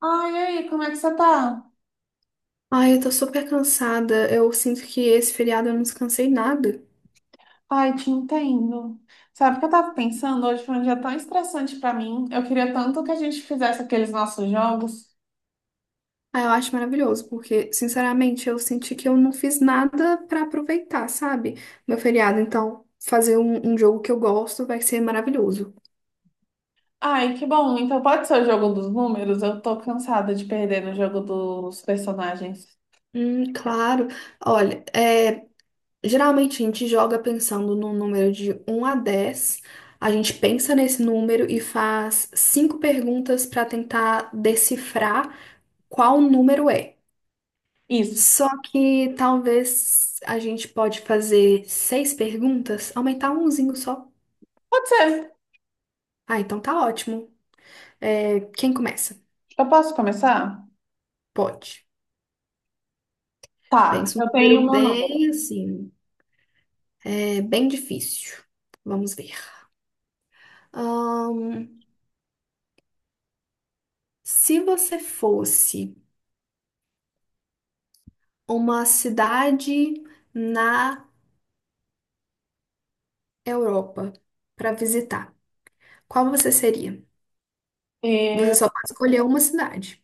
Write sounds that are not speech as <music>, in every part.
Ai, e aí, como é que você tá? Ai, eu tô super cansada. Eu sinto que esse feriado eu não descansei nada. Ai, te entendo. Sabe o que eu tava pensando? Hoje foi um dia tão estressante pra mim. Eu queria tanto que a gente fizesse aqueles nossos jogos. Ah, eu acho maravilhoso, porque, sinceramente, eu senti que eu não fiz nada pra aproveitar, sabe? Meu feriado. Então, fazer um jogo que eu gosto vai ser maravilhoso. Ai, que bom. Então pode ser o jogo dos números? Eu tô cansada de perder no jogo dos personagens. Claro. Olha, geralmente a gente joga pensando num número de um a 10. A gente pensa nesse número e faz cinco perguntas para tentar decifrar qual número é. Isso. Só que talvez a gente pode fazer seis perguntas, aumentar umzinho só. Pode ser. Ah, então tá ótimo. É, quem começa? Eu posso começar? Pode. Tá, Pensa um eu tenho o número meu número. bem assim, é bem difícil. Vamos ver. Ahn, Se você fosse uma cidade na Europa para visitar, qual você seria? Você Eu só pode escolher uma cidade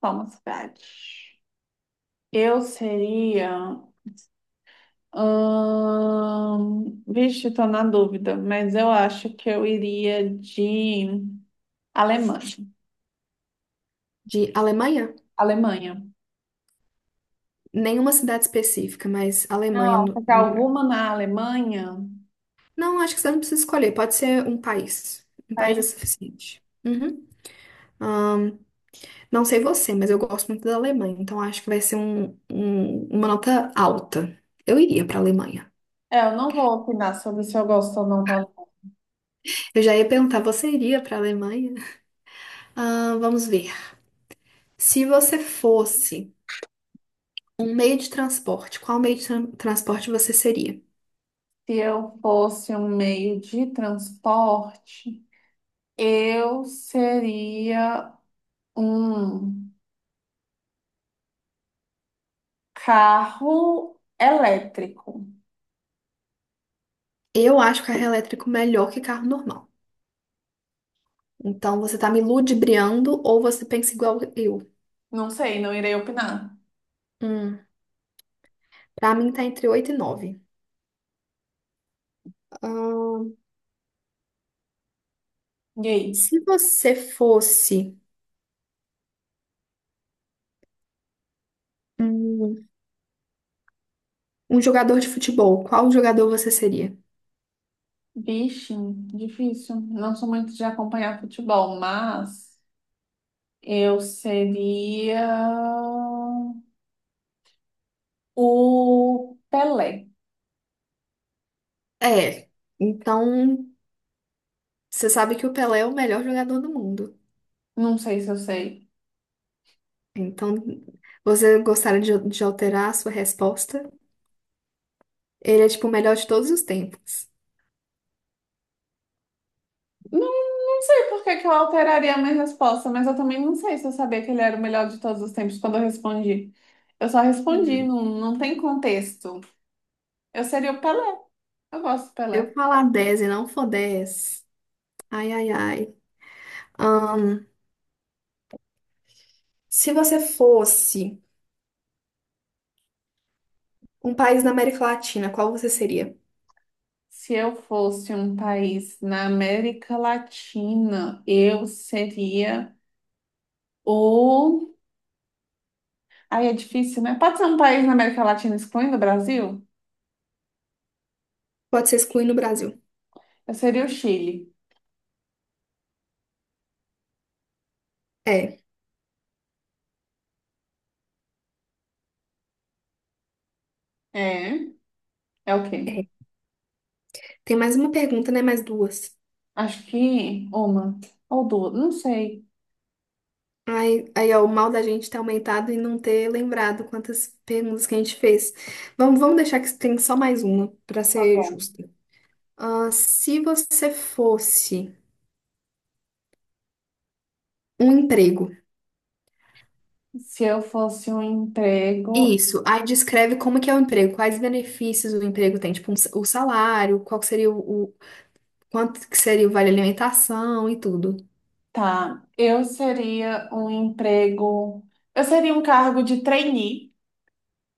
sou uma cidade. Eu seria. Vixe, tô na dúvida, mas eu acho que eu iria de Alemanha. de Alemanha, Alemanha. nenhuma cidade específica, mas Alemanha Não. no- Porque alguma na Alemanha. Não, acho que você não precisa escolher. Pode ser um país. Um país é Aí, suficiente. Uhum. Ahn, não sei você, mas eu gosto muito da Alemanha, então acho que vai ser uma nota alta. Eu iria para a Alemanha. é, eu não vou opinar sobre se eu gosto ou não da Alemanha. Eu já ia perguntar, você iria para a Alemanha? Vamos ver. Se você fosse um meio de transporte, qual meio de transporte você seria? Se eu fosse um meio de transporte, eu seria um carro elétrico. Eu acho carro elétrico melhor que carro normal. Então você tá me ludibriando ou você pensa igual eu? Não sei, não irei opinar. Hum, Para mim tá entre 8 e 9. E aí? Se você fosse um, um jogador de futebol, qual jogador você seria? Vixe, difícil. Não sou muito de acompanhar futebol, mas eu seria o Pelé. É, então você sabe que o Pelé é o melhor jogador do mundo. Não sei se eu sei. Então você gostaria de alterar a sua resposta? Ele é tipo o melhor de todos os tempos. Não, não sei por que que eu alteraria a minha resposta, mas eu também não sei se eu sabia que ele era o melhor de todos os tempos quando eu respondi. Eu só respondi, Se não, não tem contexto. Eu seria o Pelé. Eu gosto do eu Pelé. falar 10 e não for 10, ai ai ai. Ah, se você fosse um país da América Latina, qual você seria? Se eu fosse um país na América Latina, eu seria o Aí é difícil, né? Pode ser um país na América Latina excluindo o Brasil? Pode ser excluindo o Brasil. Eu seria o Chile. É, É? É o quê? é. Tem mais uma pergunta, né? Mais duas. Acho que uma ou duas, não sei. Aí, aí, ó, o mal da gente ter aumentado e não ter lembrado quantas perguntas que a gente fez. Vamos deixar que tem só mais uma, para Tá ser bom. justa. Ah, se você fosse um emprego, Se eu fosse um emprego, isso, aí descreve como que é o emprego, quais benefícios o emprego tem, tipo o salário, qual que seria quanto que seria o vale alimentação e tudo. tá. Eu seria um emprego. Eu seria um cargo de trainee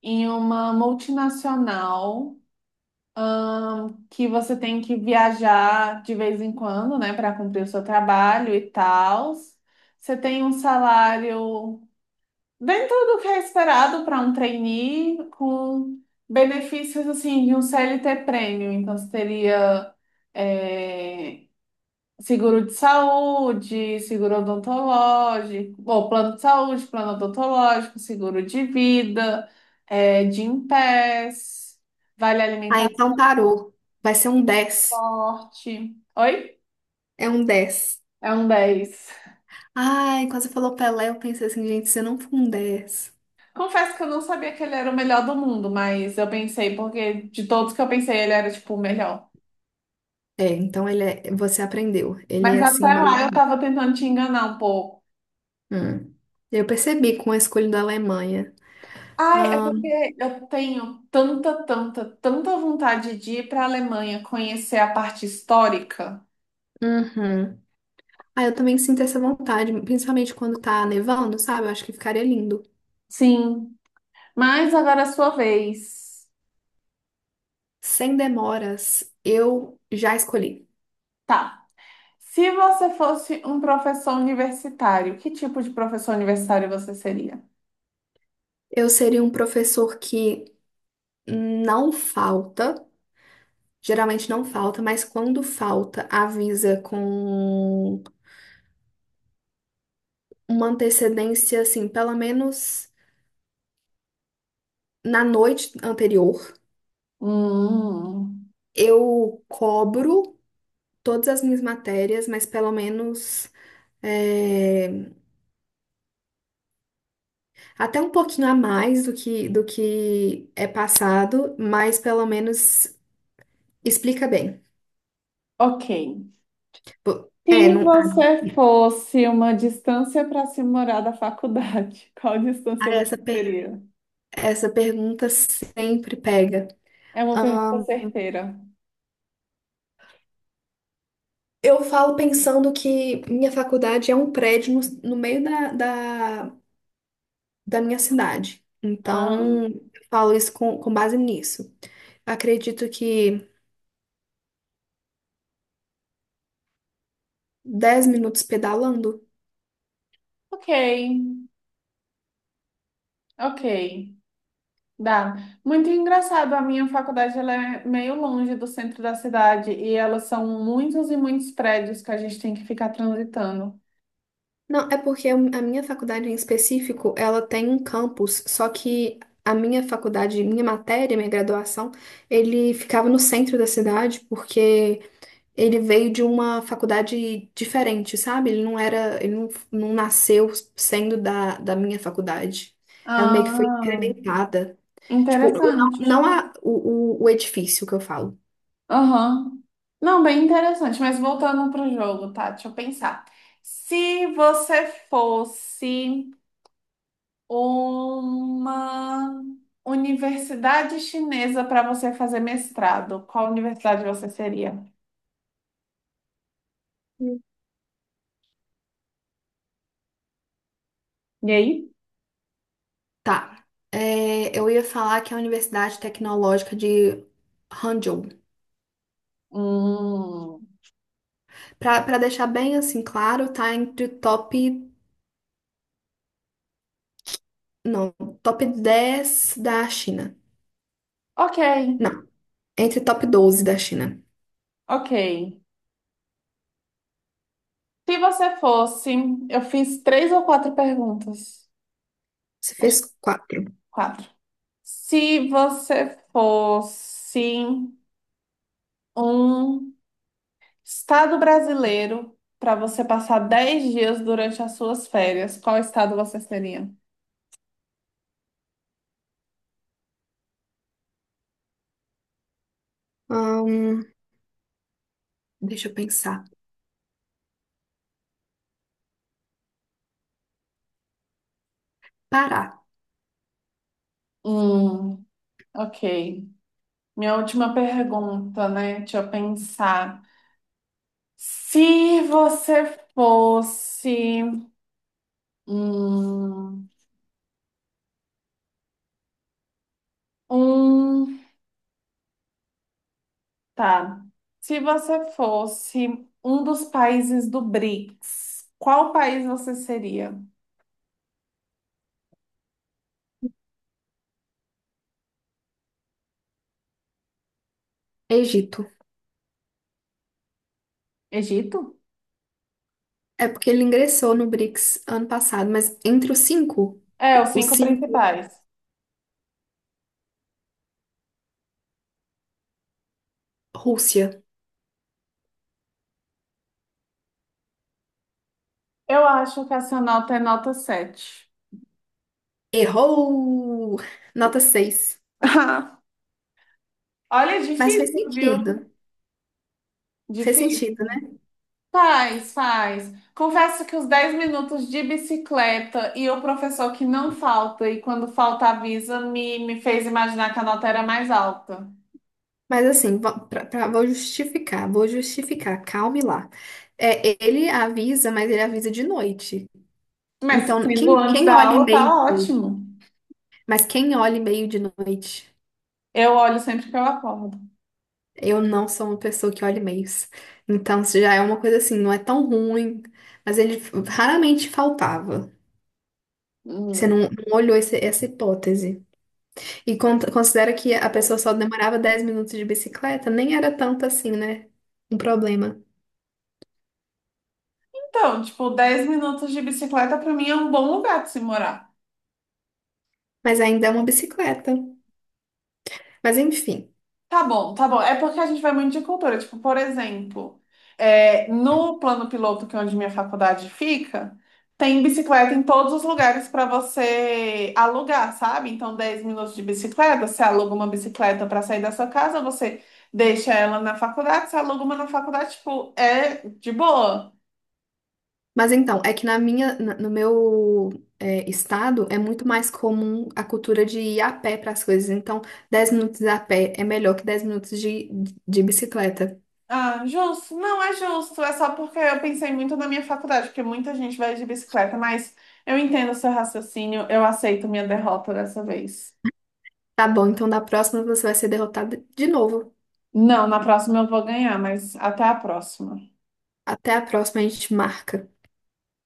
em uma multinacional ahn, que você tem que viajar de vez em quando, né, para cumprir o seu trabalho e tal. Você tem um salário dentro do que é esperado para um trainee, com benefícios assim de um CLT prêmio. Então, você teria, é, seguro de saúde, seguro odontológico, ou plano de saúde, plano odontológico, seguro de vida, é, de Gympass, vale Ah, alimentar então parou. Vai ser um 10. forte. Oi? É um 10. É um dez. Ai, quando você falou Pelé, eu pensei assim, gente, você não foi um 10. Confesso que eu não sabia que ele era o melhor do mundo, mas eu pensei, porque de todos que eu pensei, ele era tipo o melhor. É, então ele é, você aprendeu. Ele Mas é assim até o melhor lá eu amigo. tava tentando te enganar um pouco. Hum. Eu percebi com a escolha da Alemanha. Ai, é Ah, porque eu tenho tanta, tanta, tanta vontade de ir para a Alemanha conhecer a parte histórica. uhum. Ah, eu também sinto essa vontade, principalmente quando tá nevando, sabe? Eu acho que ficaria lindo. Sim, mas agora é a sua vez. Sem demoras, eu já escolhi. Tá. Se você fosse um professor universitário, que tipo de professor universitário você seria? Eu seria um professor que não falta, geralmente não falta, mas quando falta, avisa com uma antecedência, assim, pelo menos na noite anterior. Hum, Eu cobro todas as minhas matérias, mas pelo menos é, até um pouquinho a mais do que é passado, mas pelo menos explica bem. ok. Pô, é, Se não, você fosse uma distância para se morar da faculdade, <laughs> qual distância ah, você seria? essa pergunta sempre pega. É uma pergunta Ahn, certeira. eu falo pensando que minha faculdade é um prédio no meio da, da minha cidade. Ah, Então, eu falo isso com base nisso. Acredito que 10 minutos pedalando. ok, ok. Dá. Muito engraçado, a minha faculdade ela é meio longe do centro da cidade e elas são muitos e muitos prédios que a gente tem que ficar transitando. Não, é porque a minha faculdade em específico, ela tem um campus, só que a minha faculdade, minha matéria, minha graduação, ele ficava no centro da cidade, porque ele veio de uma faculdade diferente, sabe? Ele não era, ele não, não nasceu sendo da minha faculdade. Ela meio que foi Ah, incrementada. Tipo, o- não, interessante. não a, o edifício que eu falo. Aham. Não, bem interessante, mas voltando para o jogo, tá? Deixa eu pensar. Se você fosse uma universidade chinesa para você fazer mestrado, qual universidade você seria? Hum. E aí? Tá. É, eu ia falar que é a Universidade Tecnológica de Hangzhou. Hum, Pra deixar bem assim claro, tá entre o top, não, top 10 da China. ok, Não. Entre top 12 da China. ok. Se você fosse, eu fiz três ou quatro perguntas. Você fez quatro. Quatro. Se você fosse um estado brasileiro para você passar 10 dias durante as suas férias, qual estado você seria? Ahn, Deixa eu pensar. Pará. Hum, ok. Minha última pergunta, né? Deixa eu pensar. Se você fosse hum, um Tá. Se você fosse um dos países do BRICS, qual país você seria? Egito. Egito? É porque ele ingressou no BRICS ano passado, mas entre os cinco, É, os os cinco cinco, principais. Rússia. Eu acho que essa nota é nota 7. Errou! Nota 6. <laughs> Olha, é Mas fez difícil, viu? sentido. Fez Difícil. sentido, né? Faz, faz. Confesso que os 10 minutos de bicicleta e o professor que não falta e quando falta avisa me fez imaginar que a nota era mais alta. Mas assim, vou justificar, vou justificar. Calme lá. É, ele avisa, mas ele avisa de noite. Mas Então, sendo quem, antes quem da olha aula, tá e-mail de noite? ótimo. Mas quem olha e-mail de noite? Eu olho sempre que eu acordo. Eu não sou uma pessoa que olha e-mails. Então, isso já é uma coisa assim, não é tão ruim, mas ele raramente faltava. Você não, Hum. não olhou essa hipótese. E considera que a pessoa só demorava 10 minutos de bicicleta, nem era tanto assim, né? Um problema. Então, tipo, 10 minutos de bicicleta pra mim é um bom lugar de se morar. Mas ainda é uma bicicleta. Mas enfim. Tá bom, tá bom. É porque a gente vai muito de cultura. Tipo, por exemplo, é, no plano piloto, que é onde minha faculdade fica, tem bicicleta em todos os lugares para você alugar, sabe? Então, 10 minutos de bicicleta, você aluga uma bicicleta para sair da sua casa, você deixa ela na faculdade, você aluga uma na faculdade, tipo, é de boa. Mas então, é que no meu estado é muito mais comum a cultura de ir a pé para as coisas. Então, 10 minutos a pé é melhor que 10 minutos de bicicleta. Ah, justo. Não é justo. É só porque eu pensei muito na minha faculdade, porque muita gente vai de bicicleta, mas eu entendo o seu raciocínio, eu aceito minha derrota dessa vez. Tá bom, então da próxima você vai ser derrotado de novo. Não, na próxima eu vou ganhar, mas até a próxima. Até a próxima, a gente marca.